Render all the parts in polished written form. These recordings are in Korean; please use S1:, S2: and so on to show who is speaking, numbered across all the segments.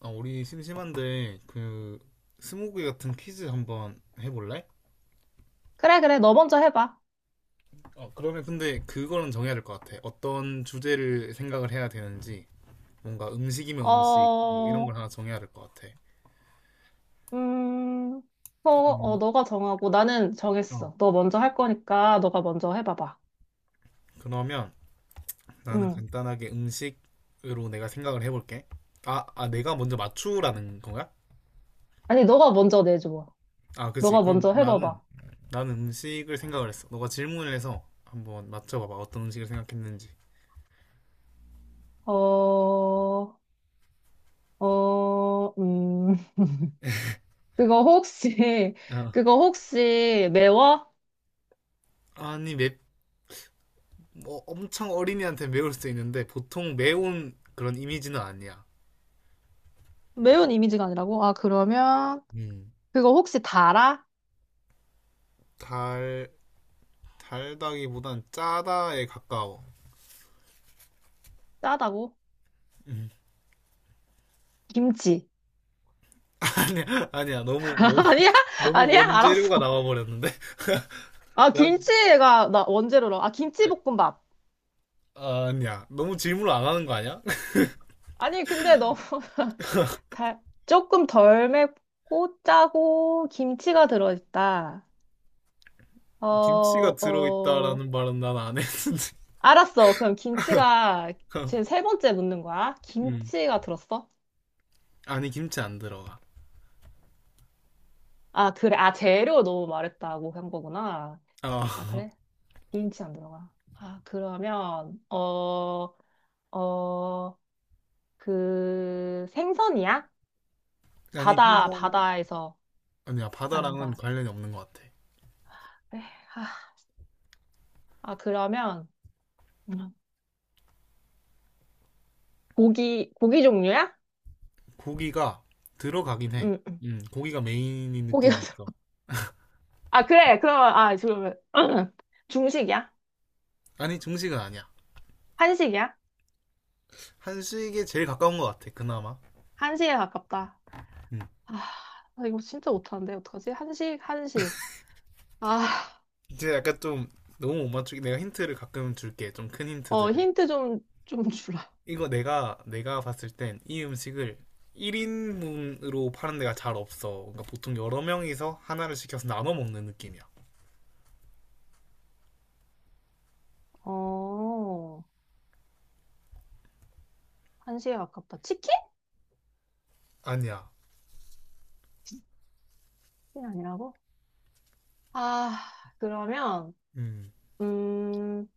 S1: 아, 우리 심심한데 그 스무고개 같은 퀴즈 한번 해볼래?
S2: 그래, 그래. 너 먼저 해봐.
S1: 그러면 근데 그거는 정해야 될 것 같아. 어떤 주제를 생각을 해야 되는지 뭔가 음식이면 음식 뭐 이런 걸
S2: 어,
S1: 하나 정해야 될 것 같아.
S2: 음, 어, 어,
S1: 음,
S2: 너가 정하고 나는
S1: 어.
S2: 정했어. 너 먼저 할 거니까 너가 먼저 해봐봐.
S1: 그러면 나는
S2: 응.
S1: 간단하게 음식으로 내가 생각을 해볼게. 아, 내가 먼저 맞추라는 건가?
S2: 아니, 너가 먼저 내줘.
S1: 아, 그치.
S2: 너가
S1: 그럼
S2: 먼저
S1: 나는
S2: 해봐봐.
S1: 나는 음식을 생각을 했어. 너가 질문을 해서 한번 맞춰봐봐. 어떤 음식을 생각했는지.
S2: 어, 어, 그거 혹시,
S1: 어.
S2: 그거 혹시 매워?
S1: 아니, 뭐 엄청 어린이한테 매울 수 있는데 보통 매운 그런 이미지는 아니야.
S2: 매운 이미지가 아니라고? 아, 그러면,
S1: 음.
S2: 그거 혹시 달아?
S1: 달 달다기보단 짜다에 가까워.
S2: 짜다고?
S1: 음.
S2: 김치.
S1: 아니야 아니야 너무 너무
S2: 아니야?
S1: 너무
S2: 아니야?
S1: 원재료가
S2: 알았어.
S1: 나와버렸는데
S2: 아,
S1: 난
S2: 김치가, 나 원재료로. 아, 김치볶음밥.
S1: 아, 아니야 너무 질문을 안 하는 거 아니야?
S2: 아니, 근데 너무 달, 조금 덜 맵고 짜고 김치가 들어있다. 어,
S1: 김치가
S2: 어,
S1: 들어있다라는 말은 난 안 했는데.
S2: 알았어. 그럼 김치가 지금 세 번째 묻는 거야?
S1: 음.
S2: 김치가 들었어?
S1: 아니 김치 안 들어가.
S2: 아, 그래. 아, 재료 너무 말했다고 한 거구나.
S1: 아
S2: 아, 그래? 김치 안 들어가. 어, 그 생선이야?
S1: 아니
S2: 바다,
S1: 생선
S2: 바다에서
S1: 아니야
S2: 나는
S1: 바다랑은
S2: 거야.
S1: 관련이 없는 것 같아.
S2: 그래. 아, 아, 그러면 음, 고기, 고기 종류야?
S1: 고기가 들어가긴 해.
S2: 응, 응.
S1: 고기가 메인인
S2: 고기가
S1: 느낌이
S2: 들어.
S1: 있어.
S2: 아, 그래. 그러면, 아, 그러면, 중식이야?
S1: 아니, 중식은 아니야.
S2: 한식이야?
S1: 한식에 제일 가까운 것 같아, 그나마.
S2: 한식에 가깝다.
S1: 음.
S2: 아, 나 이거 진짜 못하는데, 어떡하지? 한식, 한식. 아,
S1: 이제 약간 좀 너무 못 맞추기. 내가 힌트를 가끔 줄게. 좀 큰 힌트
S2: 어,
S1: 들은
S2: 힌트 좀, 좀 주라.
S1: 이거 내가, 내가 봤을 땐 이 음식을 1인분으로 파는 데가 잘 없어. 그러니까 보통 여러 명이서 하나를 시켜서 나눠 먹는 느낌이야.
S2: 어, 한식에 가깝다. 치킨?
S1: 아니야.
S2: 이 아니라고? 아, 그러면,
S1: 음.
S2: 음,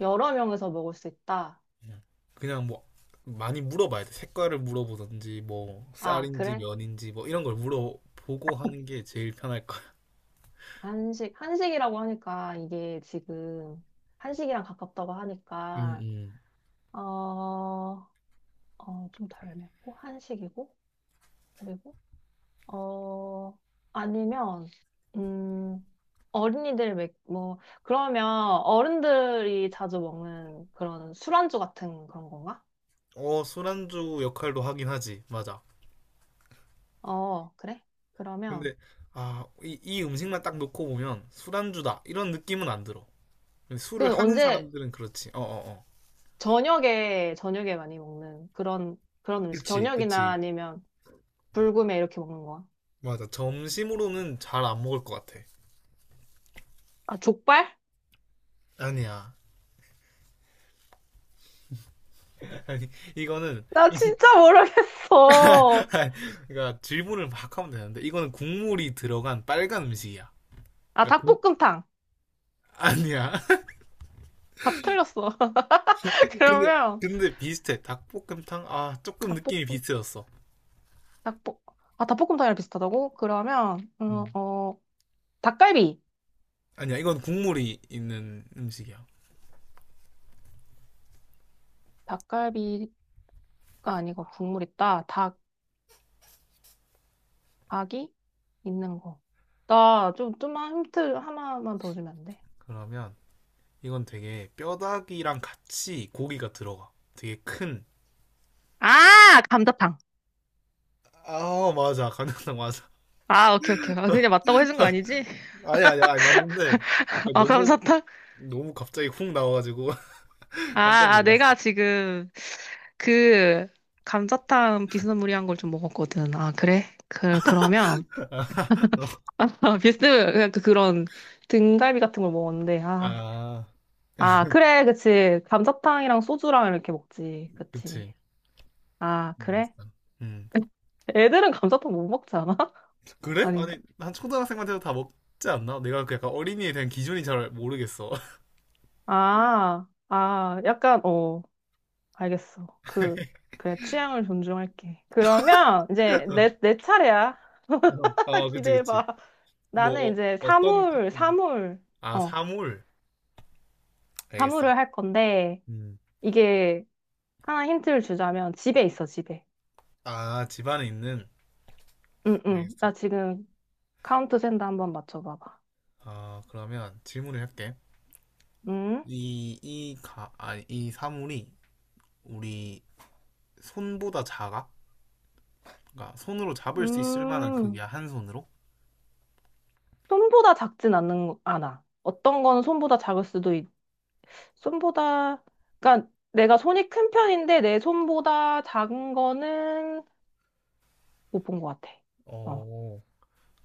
S2: 여러 명에서 먹을 수 있다.
S1: 그냥 그냥 뭐 많이 물어봐야 돼. 색깔을 물어보든지 뭐
S2: 아,
S1: 쌀인지
S2: 그래?
S1: 면인지 뭐 이런 걸 물어보고 하는 게 제일 편할 거야.
S2: 한식, 한식이라고 하니까, 이게 지금, 한식이랑 가깝다고
S1: 음,
S2: 하니까,
S1: 음.
S2: 어, 좀 덜 맵고 한식이고 그리고 어 아니면 음 어린이들 맥, 뭐 그러면 어른들이 자주 먹는 그런 술안주 같은 그런 건가?
S1: 어, 술안주 역할도 하긴 하지. 맞아.
S2: 어 그래? 그러면
S1: 근데 아, 이 음식만 딱 놓고 보면 술안주다. 이런 느낌은 안 들어. 근데
S2: 그
S1: 술을 하는
S2: 언제
S1: 사람들은 그렇지. 어, 어, 어.
S2: 저녁에 저녁에 많이 먹는 그런 그런 음식
S1: 그치,
S2: 저녁이나
S1: 그치.
S2: 아니면 불금에 이렇게 먹는 거야?
S1: 맞아. 점심으로는 잘 안 먹을 것 같아.
S2: 아 족발?
S1: 아니야. 아니, 이거는
S2: 나 진짜 모르겠어.
S1: 그러니까 질문을 막 하면 되는데 이거는 국물이 들어간 빨간 음식이야.
S2: 아
S1: 그러니까 국-
S2: 닭볶음탕.
S1: 아니야.
S2: 다 틀렸어.
S1: 근데
S2: 그러면
S1: 근데 비슷해. 닭볶음탕 아 조금 느낌이
S2: 닭볶음탕
S1: 비슷해졌어.
S2: 닭볶, 아, 닭볶음탕이랑 비슷하다고? 그러면, 음,
S1: 음.
S2: 어, 닭갈비.
S1: 아니야 이건 국물이 있는 음식이야.
S2: 닭갈비가 아니고 국물 있다. 닭, 닭이 있는 거. 나 좀, 좀만 힌트 하나만 더 주면 안 돼?
S1: 그러면 이건 되게 뼈다귀랑 같이 고기가 들어가. 되게 큰.
S2: 아, 감자탕.
S1: 아 맞아 간장탕 맞아.
S2: 아, 오케이, 오케이. 아, 그냥 맞다고 해준 거 아니지?
S1: 아니 야 아니 맞는데 그러니까
S2: 아,
S1: 너무
S2: 감자탕?
S1: 너무 갑자기 훅 나와가지고
S2: 아,
S1: 깜짝
S2: 아,
S1: 놀랐어.
S2: 내가 지금 그 감자탕 비스무리한 걸 좀 먹었거든. 아, 그래? 그, 그러면. 비스, 그냥 그, 그런 등갈비 같은 걸 먹었는데, 아,
S1: 아
S2: 아, 그래, 그치. 감자탕이랑 소주랑 이렇게 먹지. 그치.
S1: 그치.
S2: 아, 그래?
S1: 알겠어. 음.
S2: 애들은 감자탕 못 먹지 않아?
S1: 그래?
S2: 아닌가?
S1: 아니 한 초등학생만 해도 다 먹지 않나? 내가 그 약간 어린이에 대한 기준이 잘 모르겠어.
S2: 아, 아, 약간, 어, 알겠어. 그, 그래, 취향을 존중할게. 그러면 이제 내, 내 차례야.
S1: 아 그치 그치.
S2: 기대해봐.
S1: 뭐
S2: 나는 이제
S1: 어떤
S2: 사물,
S1: 카테고리?
S2: 사물,
S1: 아
S2: 어,
S1: 사물. 알겠어.
S2: 사물을 할 건데,
S1: 음.
S2: 이게 하나 힌트를 주자면 집에 있어, 집에.
S1: 아 집안에 있는.
S2: 응, 응.
S1: 알겠어.
S2: 나 지금 카운트 센다 한번 맞춰봐봐.
S1: 아 그러면 질문을 할게.
S2: 응?
S1: 이 이 가 아니 이 사물이 우리 손보다 작아? 그러니까 손으로 잡을 수 있을 만한
S2: 음.
S1: 크기야 한 손으로?
S2: 손보다 작진 않는, 않아. 어떤 거는 손보다 작을 수도 있, 손보다, 그러니까 내가 손이 큰 편인데 내 손보다 작은 거는 못 본 것 같아. 어,
S1: 어.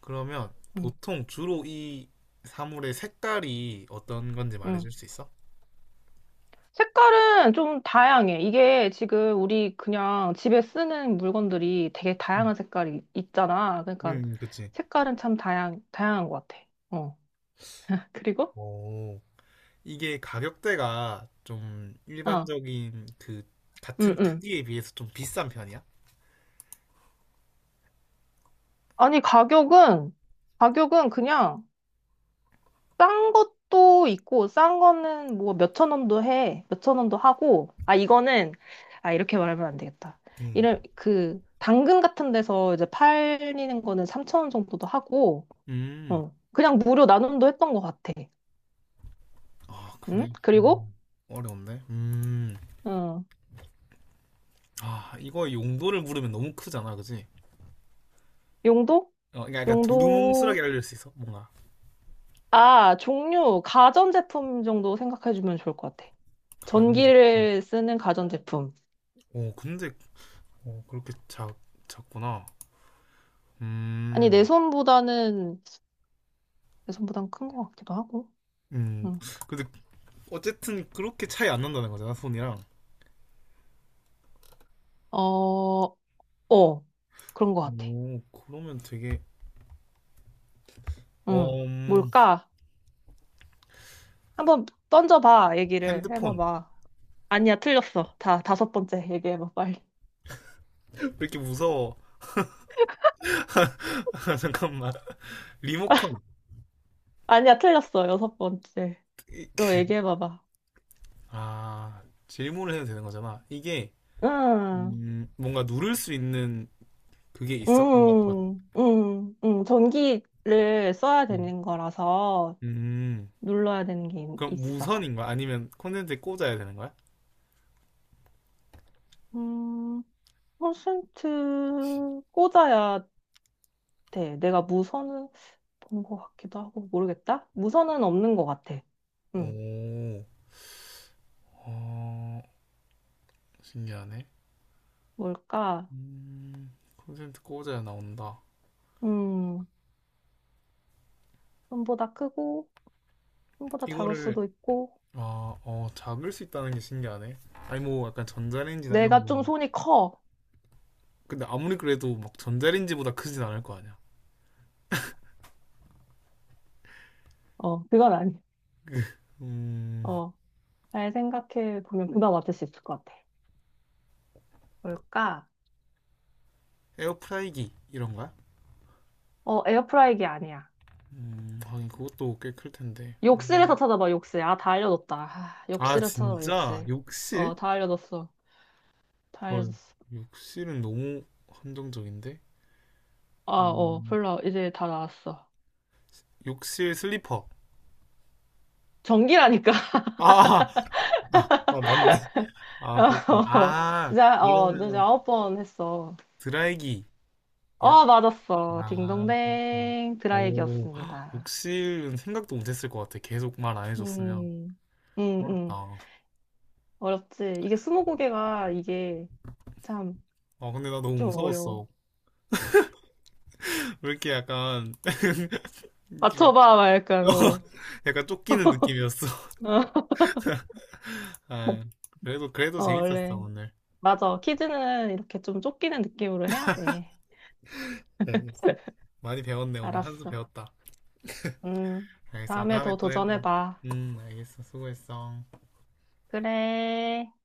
S1: 그러면
S2: 음,
S1: 보통 주로 이 사물의 색깔이 어떤 건지
S2: 음.
S1: 말해줄 수 있어?
S2: 색깔은 좀 다양해. 이게 지금 우리 그냥 집에 쓰는 물건들이 되게
S1: 음,
S2: 다양한 색깔이 있잖아. 그러니까
S1: 그치.
S2: 색깔은 참 다양, 다양한 것 같아. 어. 그리고?
S1: 오, 이게 가격대가 좀
S2: 어,
S1: 일반적인 그
S2: 음,
S1: 같은
S2: 음.
S1: 크기에 비해서 좀 비싼 편이야?
S2: 아니, 가격은, 가격은 그냥 싼 것도 있고, 싼 거는 뭐 몇 천 원도 해. 몇 천 원도 하고, 아, 이거는, 아, 이렇게 말하면 안 되겠다.
S1: 음,
S2: 이런, 그, 당근 같은 데서 이제 팔리는 거는 3천 원 정도도 하고,
S1: 음,
S2: 어, 그냥 무료 나눔도 했던 것 같아.
S1: 아,
S2: 응?
S1: 그래. 어,
S2: 그리고,
S1: 어려운데?
S2: 어,
S1: 아, 이거 용도를 물으면 너무 크잖아, 그치?
S2: 용도?
S1: 어, 그러니까 약간 두루뭉술하게
S2: 용도,
S1: 알릴 수 있어, 뭔가.
S2: 아, 종류, 가전제품 정도 생각해주면 좋을 것 같아.
S1: 가는데.
S2: 전기를 쓰는 가전제품.
S1: 어, 근데, 어, 작구나.
S2: 아니, 내
S1: 음,
S2: 손보다는, 내 손보단 큰 것 같기도 하고.
S1: 음,
S2: 응.
S1: 근데 어쨌든 그렇게 차이 안 난다는 거잖아, 손이랑.
S2: 어, 어, 그런 것 같아.
S1: 오, 그러면 되게
S2: 응.
S1: 어, 음,
S2: 뭘까? 한번 던져봐, 얘기를.
S1: 핸드폰.
S2: 해봐봐. 아니야, 틀렸어. 다, 다섯 번째 얘기해봐, 빨리.
S1: 왜 이렇게 무서워? 아, 잠깐만. 리모컨.
S2: 아니야, 틀렸어. 여섯 번째. 로 얘기해봐봐.
S1: 아, 질문을 해도 되는 거잖아. 이게,
S2: 응,
S1: 뭔가 누를 수 있는 그게 있어? 뭔가 버
S2: 응. 전기를 써야
S1: 음,
S2: 되는 거라서
S1: 음.
S2: 눌러야 되는 게
S1: 그럼
S2: 있어.
S1: 무선인 거야? 아니면 콘센트에 꽂아야 되는 거야?
S2: 음, 퍼센트 꽂아야 돼. 내가 무선은 본 것 같기도 하고, 모르겠다? 무선은 없는 것 같아. 응.
S1: 오, 어, 신기하네.
S2: 뭘까?
S1: 콘센트 꽂아야 나온다.
S2: 음, 손보다 크고, 손보다 작을
S1: 이거를,
S2: 수도 있고,
S1: 아, 어, 잡을 수 있다는 게 신기하네. 아니, 뭐, 약간 전자레인지나 이런
S2: 내가 좀
S1: 건
S2: 손이 커.
S1: 근데 아무리 그래도 막 전자레인지보다 크진 않을 거 아니야.
S2: 어, 그건 아니야.
S1: 음,
S2: 어, 잘 생각해 보면 그나마 맞을 수 있을 것 같아. 뭘까?
S1: 에어프라이기 이런 거야?
S2: 어, 에어프라이기 아니야.
S1: 하긴 그것도 꽤 클 텐데.
S2: 욕실에서
S1: 음.
S2: 찾아봐, 욕실. 아, 다 알려줬다. 아,
S1: 아,
S2: 욕실에서 찾아봐,
S1: 진짜?
S2: 욕실.
S1: 욕실?
S2: 어, 다 알려줬어. 다
S1: 헐,
S2: 알려줬어.
S1: 욕실은 너무 한정적인데?
S2: 아, 어,
S1: 음,
S2: 별로, 이제 다 나왔어.
S1: 욕실 슬리퍼.
S2: 전기라니까.
S1: 아, 아, 맞네. 아, 그렇구나.
S2: 어,
S1: 아,
S2: 이제, 어, 이제
S1: 그러면
S2: 아홉 번 했어.
S1: 드라이기야?
S2: 어, 맞았어.
S1: 아, 그렇구나.
S2: 딩동댕.
S1: 오,
S2: 드라이기였습니다.
S1: 욕실은 생각도 못했을 것 같아. 계속 말 안 해줬으면.
S2: 음, 음, 음.
S1: 어렵다.
S2: 어렵지. 이게 스무고개가 이게 참
S1: 아, 근데 나 너무
S2: 좀 어려워.
S1: 무서웠어. 왜 이렇게 약간 이렇게
S2: 맞춰봐, 막
S1: 어,
S2: 약간, 어.
S1: 약간 쫓기는 느낌이었어. 아, 그래도 그래도
S2: 어,
S1: 재밌었어
S2: 원래.
S1: 오늘.
S2: 맞아. 퀴즈는 이렇게 좀 쫓기는 느낌으로 해야 돼.
S1: 네, 많이 배웠네 오늘 한수
S2: 알았어.
S1: 배웠다.
S2: 음,
S1: 알겠어.
S2: 다음에
S1: 다음에
S2: 더
S1: 또 해보자.
S2: 도전해봐.
S1: 알겠어. 수고했어.
S2: 그래.